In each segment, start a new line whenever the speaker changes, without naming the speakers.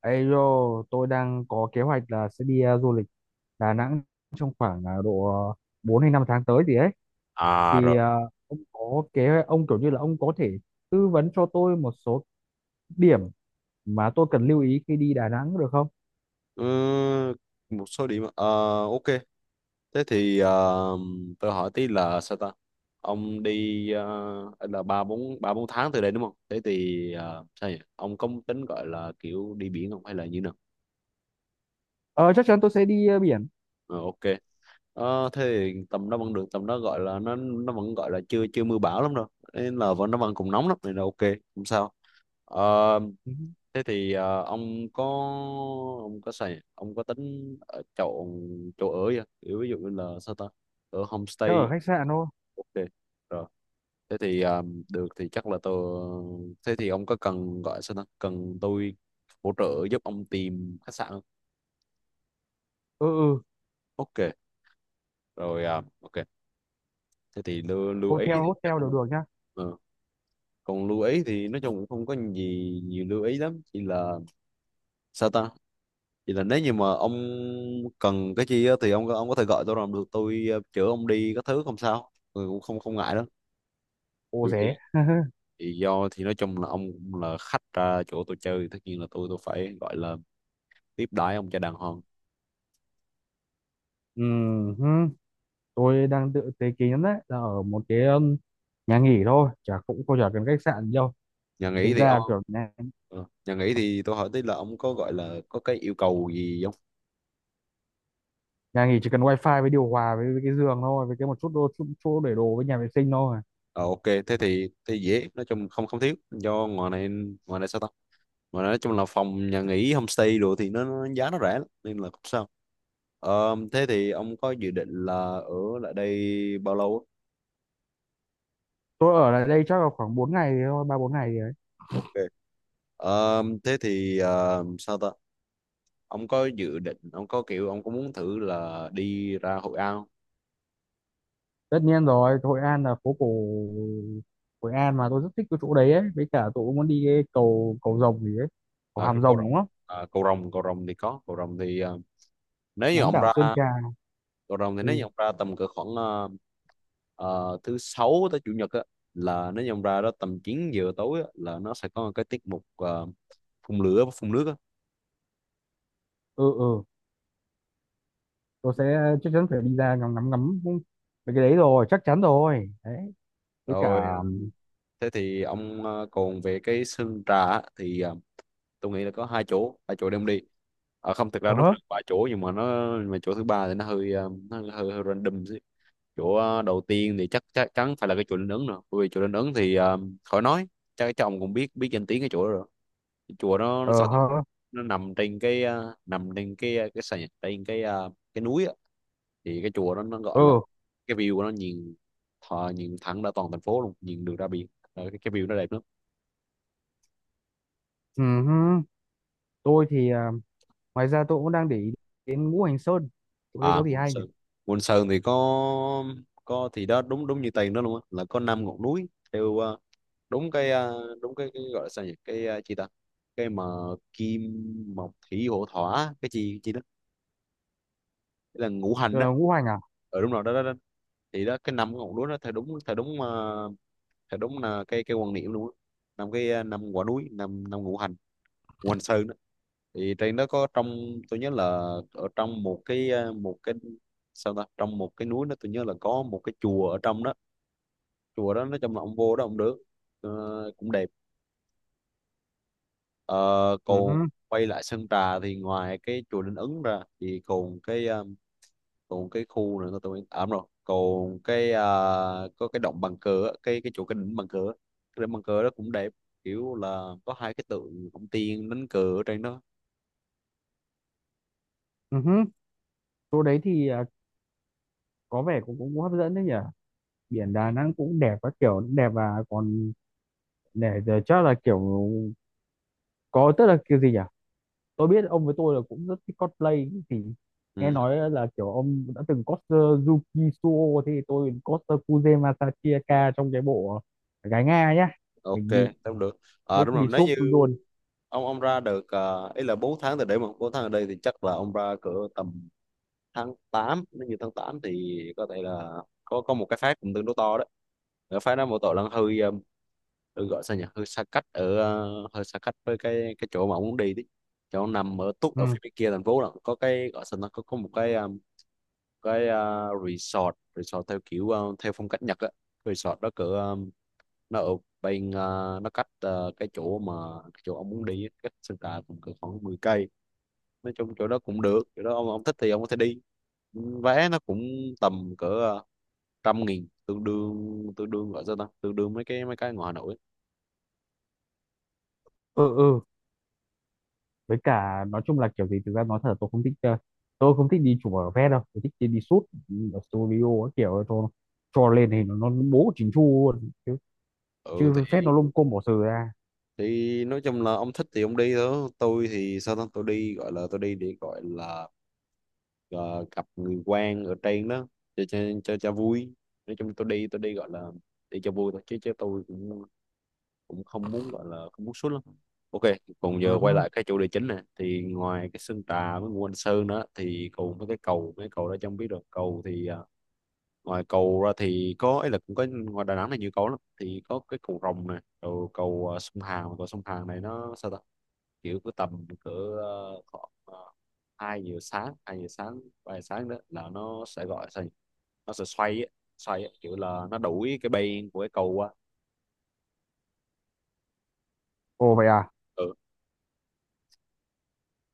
Ê yo, tôi đang có kế hoạch là sẽ đi du lịch Đà Nẵng trong khoảng 4 hay 5 tháng tới gì ấy.
À rồi.
Thì ờ, ông có kế ông kiểu như là ông có thể tư vấn cho tôi một số điểm mà tôi cần lưu ý khi đi Đà Nẵng được không?
Ừ, một số điểm. Ờ, ok. Thế thì tôi hỏi tí là sao ta? Ông đi là ba bốn tháng từ đây đúng không? Thế thì sao nhỉ? Ông có tính gọi là kiểu đi biển không hay là như nào?
Ờ, chắc chắn tôi sẽ đi biển.
Ờ, ok. Ờ, thế thì tầm đó vẫn được, tầm đó gọi là nó vẫn gọi là chưa chưa mưa bão lắm đâu. Nên là vẫn nó vẫn còn nóng lắm nên là ok, không sao. Ờ,
Ừ,
thế thì ông có tính ở chọn chỗ ở chưa? Kiểu ví dụ như là sao ta, ở
chắc
homestay?
ở khách sạn thôi.
Ok, rồi, thế thì được, thì chắc là tôi, thế thì ông có cần, gọi sao ta, cần tôi hỗ trợ giúp ông tìm khách sạn không?
Ừ, ừ,
Ok rồi. Ờ, ok, thế thì lưu, ý
hotel
thì
hotel
chắc
đều
là
được nhá.
ờ. còn lưu ý thì nói chung cũng không có gì nhiều lưu ý lắm, chỉ là sao ta, vậy là nếu như mà ông cần cái chi á, thì ông có thể gọi tôi, làm được tôi chở ông đi các thứ, không sao, tôi cũng không không ngại đó.
Ô
Dù gì
rẻ.
thì do, thì nói chung là ông cũng là khách ra chỗ tôi chơi, tất nhiên là tôi phải gọi là tiếp đãi ông cho đàng hoàng.
Ừ, hứ, tôi đang tự tế kỷ lắm, đấy là ở một cái nhà nghỉ thôi, chả cũng không chả cần khách sạn gì đâu.
Nhà nghỉ
Thực
thì
ra
ông,
kiểu nhà
nhà nghỉ thì tôi hỏi tí là ông có, gọi là, có cái yêu cầu gì không?
nhà nghỉ chỉ cần wifi với điều hòa với cái giường thôi, với cái một chút đô chút chỗ để đồ với nhà vệ sinh thôi.
Ờ ok, thế thì thế dễ, nói chung không không thiếu, do ngoài này, ngoài này sao ta, ngoài này nói chung là phòng nhà nghỉ homestay đồ thì nó giá nó rẻ lắm, nên là không sao. Ờ, thế thì ông có dự định là ở lại đây bao lâu á?
Tôi ở lại đây chắc là khoảng 4 ngày thì thôi, ba bốn ngày thì đấy.
Ok. Ờ, thế thì sao ta? Ông có dự định, ông có kiểu, ông có muốn thử là đi ra Hội An không?
Tất nhiên rồi, Hội An là phố cổ, Hội An mà tôi rất thích cái chỗ đấy ấy, với cả tôi cũng muốn đi cái cầu cầu rồng gì ấy. Cầu
À, cái
Hàm
cầu
Rồng
Rồng.
đúng không?
À, cầu Rồng, cầu Rồng thì có, cầu Rồng thì nếu như
Bán
ông
đảo
ra
Sơn Trà.
cầu Rồng thì, nếu như
Ừ,
ông ra tầm cỡ khoảng thứ sáu tới chủ nhật á, là nếu như ông ra đó tầm 9 giờ tối á, là nó sẽ có một cái tiết mục phun lửa và phun nước á.
ừ, ừ, tôi sẽ chắc chắn phải đi ra ngắm ngắm ngắm mấy cái đấy rồi, chắc chắn rồi đấy. Với
Rồi
cả
thế thì ông còn về cái sân trà á, thì tôi nghĩ là có hai chỗ đem đi, à, không, thực ra
ờ
nó
hớ,
cũng vài chỗ nhưng mà nó, mà chỗ thứ ba thì nó hơi nó hơi, hơi random chứ. Chỗ đầu tiên thì chắc chắc chắn phải là cái chùa Linh Ứng rồi, bởi vì chùa Linh Ứng thì khỏi nói, chắc chắc ông cũng biết biết danh tiếng cái chỗ đó rồi. Cái chùa nó
ờ
sao ta?
hớ,
Nó nằm trên cái nằm trên cái cái sàn, trên cái cái núi á. Thì cái chùa đó nó gọi là,
ừ,
cái view của nó nhìn nhìn thẳng ra toàn thành phố luôn, nhìn được ra biển. Ờ, cái view nó đẹp lắm.
ừ hứ. Tôi thì ngoài ra tôi cũng đang để ý đến ngũ hành sơn, chỗ đấy
À,
có gì
Môn
hay nhỉ?
Sơn. Môn Sơn thì có thì đó, đúng đúng như tên đó luôn á, là có năm ngọn núi theo đúng cái đúng cái gọi là sao nhỉ, cái chi ta, cái mà kim mộc thủy hỏa thổ cái gì chi đó. Cái là ngũ hành đó?
Ờ, ngũ hành à.
Ở đúng rồi đó, đó đó. Thì đó, cái năm ngọn núi đó theo đúng là cái quan niệm luôn á. Năm cái năm quả núi, năm năm ngũ hành, Ngũ Hành Sơn đó. Thì trên đó có, trong tôi nhớ là, ở trong một cái một cái sao ta, trong một cái núi đó tôi nhớ là có một cái chùa ở trong đó. Chùa đó nói chung là ông vô đó ông được. Ờ, cũng đẹp. Ờ,
Ừ
còn
hứ,
quay lại Sơn Trà thì, ngoài cái chùa Linh Ứng ra thì còn cái còn cái khu này tôi, à, đúng rồi, còn cái có cái động bằng cửa, cái chỗ, cái đỉnh bằng cửa, cái đỉnh bằng cửa đó cũng đẹp, kiểu là có hai cái tượng ông tiên đánh cờ ở trên đó.
ừ hứ. Chỗ đấy thì có vẻ cũng hấp dẫn đấy nhỉ. Biển Đà Nẵng cũng đẹp, các kiểu cũng đẹp, và còn để chắc là kiểu có, tức là kiểu gì nhỉ, tôi biết ông với tôi là cũng rất thích cosplay thì nghe
Ừ.
nói là kiểu ông đã từng cosplay Yuki Suo thì tôi cosplay Kuze Masachika trong cái bộ gái Nga nhá.
Ok
Mình đi
tao được. À,
bốc
đúng rồi,
đi
nếu
súp
như
luôn.
ông ra được, ý là 4 tháng từ đây mà 4 tháng ở đây thì chắc là ông ra cỡ tầm tháng 8. Nếu như tháng 8 thì có thể là có một cái phát cũng tương đối to đấy. Cái phát đó, một tội là hơi hơi, gọi sao nhỉ, hơi xa cách ở hơi xa cách với cái chỗ mà ông muốn đi đấy. Chỗ ông nằm ở túc
Ừ,
ở phía bên kia thành phố là có, cái gọi sao, nó có một cái resort resort theo kiểu theo phong cách Nhật á. Resort đó cỡ, nó ở bên nó cách cái chỗ mà, cái chỗ ông muốn đi á, cách Sơn Trà cũng cỡ khoảng 10 cây. Nói chung chỗ đó cũng được, chỗ đó ông thích thì ông có thể đi. Vé nó cũng tầm cỡ 100.000, tương đương gọi sao ta, tương đương mấy cái ngoài Hà Nội á.
ừ, ừ, với cả nói chung là kiểu gì, thực ra nói thật là tôi không thích tôi không thích đi chụp ở vé đâu, tôi thích đi, đi shoot ở studio ấy, kiểu cho lên thì nó bố chỉnh chu luôn chứ,
Ừ thì,
chứ phép nó lung côm bỏ sừ ra.
nói chung là ông thích thì ông đi thôi. Tôi thì sao ta, tôi đi gọi là, tôi đi để gọi là ờ, gặp người quen ở trên đó, cho cho cho vui. Nói chung tôi đi gọi là đi cho vui thôi, chứ chứ tôi cũng cũng không muốn, gọi là không muốn sút lắm. Ok. Còn
Ừ
giờ quay
hứ.
lại cái chủ đề chính này thì, ngoài cái Sơn Trà với Ngũ Hành Sơn đó thì còn với cái cầu, mấy cầu đó, chẳng biết được, cầu thì à, ngoài cầu ra thì có ấy, là cũng có, ngoài Đà Nẵng này nhiều cầu lắm, thì có cái cầu Rồng này rồi cầu, à, sông Hàn, cầu sông Hàn này nó sao ta, kiểu cứ tầm cỡ khoảng 2 giờ sáng, 2 giờ sáng, 3 giờ sáng đó, là nó sẽ, gọi sao nhỉ? Nó sẽ xoay á, kiểu là nó đuổi cái bên của cái cầu qua.
Ồ vậy à.
Ừ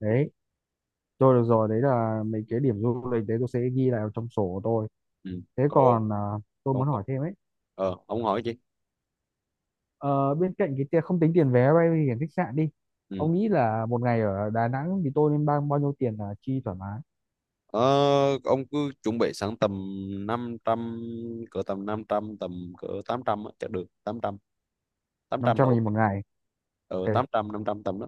Đấy, tôi được rồi, đấy là mấy cái điểm du lịch đấy tôi sẽ ghi lại vào trong sổ của tôi.
ừ.
Thế
cô
còn tôi
cô
muốn hỏi
cô-
thêm ấy,
ông hỏi chị.
ờ, bên cạnh cái tiền không tính tiền vé bay thì khách sạn đi,
Ừ.
ông nghĩ là một ngày ở Đà Nẵng thì tôi nên bao bao nhiêu tiền là chi thoải mái?
Ờ, ông cứ chuẩn bị sẵn tầm 500, cỡ tầm 500, tầm cỡ 800 á, chắc được 800, tám
năm
trăm là
trăm
ok.
nghìn một ngày.
Ờ,
Ok.
800, 500 tầm đó.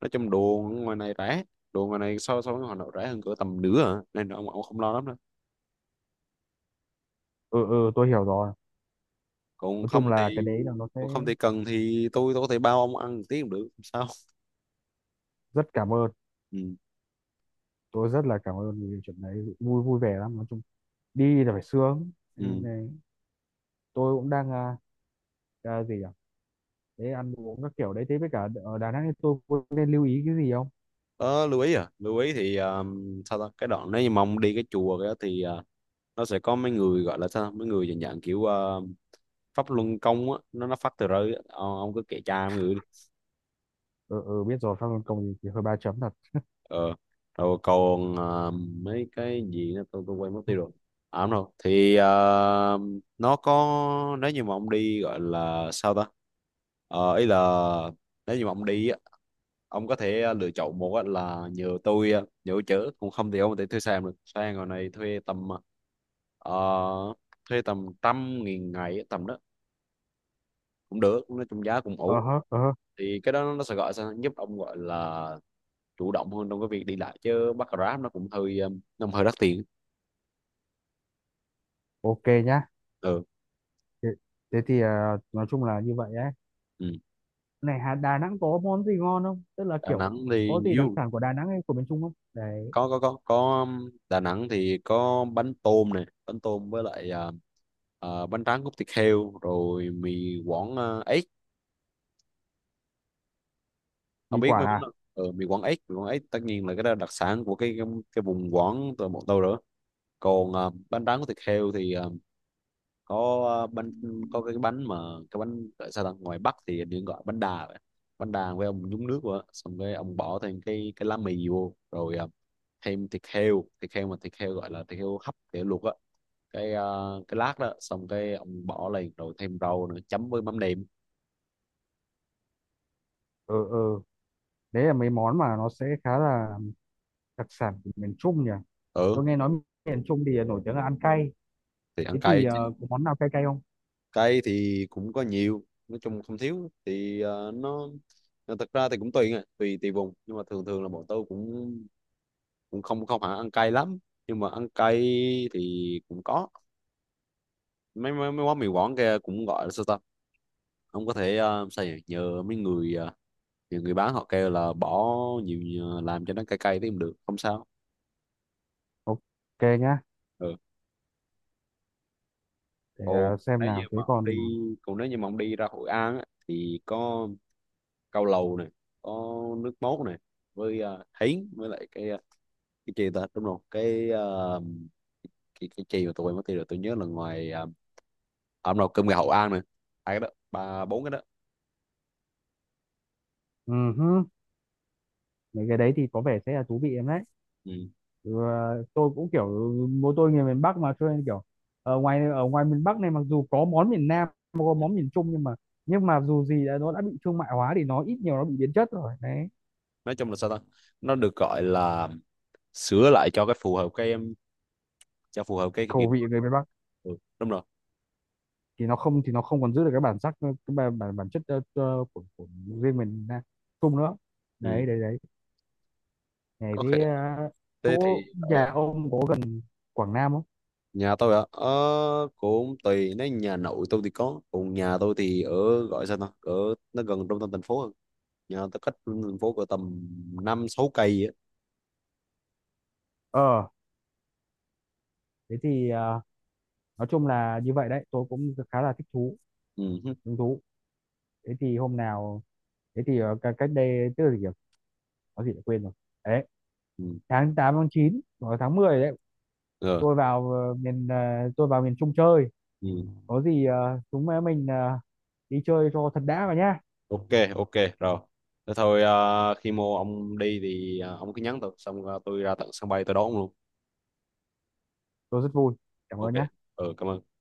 Nói chung đồ ngoài này rẻ, đồ ngoài này so so với ngoài này rẻ hơn cỡ tầm nửa à, nên ông không lo lắm đâu.
Ừ, ừ, tôi hiểu rồi.
còn
Nói chung
không thì
là cái đấy là nó sẽ
còn không thì cần thì tôi có thể bao ông ăn một tí cũng được không sao.
rất cảm ơn.
Ừ.
Tôi rất là cảm ơn vì chuyện đấy. Vui vui vẻ lắm, nói chung đi là phải sướng. Đây
Ừ.
này, tôi cũng đang gì à, thế ăn uống các kiểu đấy, thế với cả ở Đà Nẵng thì tôi có nên lưu ý cái gì không?
Ờ, lưu ý à, lưu ý thì sao ta, cái đoạn nếu như mà ông đi cái chùa kia thì nó sẽ có mấy người, gọi là sao, mấy người dạng, kiểu Pháp Luân Công á, nó phát tờ rơi á. Ờ, ông cứ kệ cha mấy người đi.
Ừ, ừ biết rồi, Phan Văn Công thì, hơi ba chấm thật.
Ờ, rồi còn mấy cái gì nữa, tôi quên mất tiêu rồi. À đúng rồi thì nó có, nếu như mà ông đi, gọi là sao ta, ờ, ý là nếu như mà ông đi á, ông có thể lựa chọn, một á là nhờ tôi chở, cũng không thì ông có thể thuê xe được, xe ngồi này thuê tầm ờ, thuê tầm 100.000 ngày á, tầm đó cũng được, nói chung giá cũng
Ờ
ổn.
hớ, ờ hớ.
Thì cái đó nó sẽ, gọi sao, giúp ông, gọi là chủ động hơn trong cái việc đi lại, chứ bắt Grab nó cũng hơi nó hơi đắt tiền.
Ok nhá.
Ừ.
thế, thế thì nói chung là như vậy ấy.
Ừ.
Này Hà, Đà Nẵng có món gì ngon không, tức là
Đà
kiểu
Nẵng thì
có gì đặc
nhiều.
sản của Đà Nẵng hay của miền Trung không đấy?
Có Đà Nẵng thì có bánh tôm này, bánh tôm với lại à, à, bánh tráng cốt thịt heo, rồi mì Quảng, ếch. Ông
Mì
biết
quả
mấy món
à.
đó. Ừ, mì Quảng ếch, mì Quảng ếch, tất nhiên là cái đó là đặc sản của cái vùng Quảng từ bọn tôi rồi. Còn à, bánh tráng cốt thịt heo thì à, có bánh, có cái bánh mà, cái bánh gọi sao ta, ngoài Bắc thì hình như gọi bánh đà vậy. Bánh đà với ông nhúng nước vào á, xong cái ông bỏ thêm cái lá mì vô, rồi thêm thịt heo, thịt heo mà thịt heo, gọi là thịt heo hấp, thịt heo luộc á, cái cái lát đó, xong cái ông bỏ lên, rồi thêm rau nữa, chấm với mắm nêm.
Ừ, ừ, đấy là mấy món mà nó sẽ khá là đặc sản của miền Trung nhỉ?
Ừ
Tôi nghe nói miền Trung thì nổi tiếng là ăn cay.
thì ăn
Thế thì
cay chứ.
có món nào cay cay không?
Cay thì cũng có nhiều, nói chung không thiếu, thì nó thật ra thì cũng tùy à, tùy tùy vùng, nhưng mà thường thường là bọn tôi cũng cũng không không hẳn ăn cay lắm, nhưng mà ăn cay thì cũng có. Mấy mấy, mấy quán mì quảng kia cũng, gọi là sao ta, ông có thể sao nhỉ, nhờ mấy người nhờ người bán họ kêu là bỏ nhiều nhiều- làm cho nó cay cay thì cũng được, không sao.
Ok nhá,
Ừ. Còn
xem
nếu như
nào. Thế
mà ông
còn
đi, còn nếu như mà ông đi ra Hội An á, thì có cao lầu này, có nước mốt này, với thính, với lại cái cái gì ta, đúng rồi, cái cái chi mà, tôi quên mất tiêu rồi, tôi nhớ là ngoài ông nào cơm gà Hội An này, hai cái đó, ba bốn cái đó.
ừ hứ, mấy cái đấy thì có vẻ sẽ là thú vị em đấy.
Ừ.
Ừ, ờ, tôi cũng kiểu bố tôi người miền Bắc mà cho nên kiểu ở ngoài miền Bắc này mặc dù có món miền Nam, có món miền Trung, nhưng mà dù gì đã, nó đã bị thương mại hóa thì nó ít nhiều nó bị biến chất rồi. Đấy,
Nói chung là sao ta, nó được gọi là sửa lại cho cái phù hợp cái em, cho phù hợp cái kiểu.
khẩu vị người miền Bắc.
Ừ, đúng rồi.
Thì nó không còn giữ được cái bản sắc, cái bản bản, bản chất của riêng mình chung nữa.
Ừ.
Đấy, đấy, đấy. Này
Có khi,
thế ờ,
thế
chỗ
thì
nhà ông có gần Quảng Nam không?
nhà tôi ạ, ờ, cũng tùy, nếu nhà nội tôi thì có, còn nhà tôi thì ở, gọi sao ta, ở nó gần trung tâm thành phố hơn. Nhà tôi cách trung tâm thành phố cỡ tầm 5 6 cây á.
Ờ, thế thì nói chung là như vậy đấy, tôi cũng khá là thích thú,
Ừ hứ.
hứng thú. Thế thì hôm nào, thế thì cách cách đây tức là gì nhỉ? Có gì đã quên rồi. Đấy,
Ừ.
tháng 8, tháng 9 hoặc là tháng 10 đấy,
Ờ.
tôi vào tôi vào miền Trung chơi,
Ừ.
có gì chúng mình đi chơi cho thật đã vào nhá.
Ok, ok rồi, thế thôi. Ờ, khi mua ông đi thì ông cứ nhắn tôi, xong tôi ra tận sân bay tôi đón ông luôn.
Tôi rất vui, cảm
Ok.
ơn nhá.
Ừ, cảm ơn.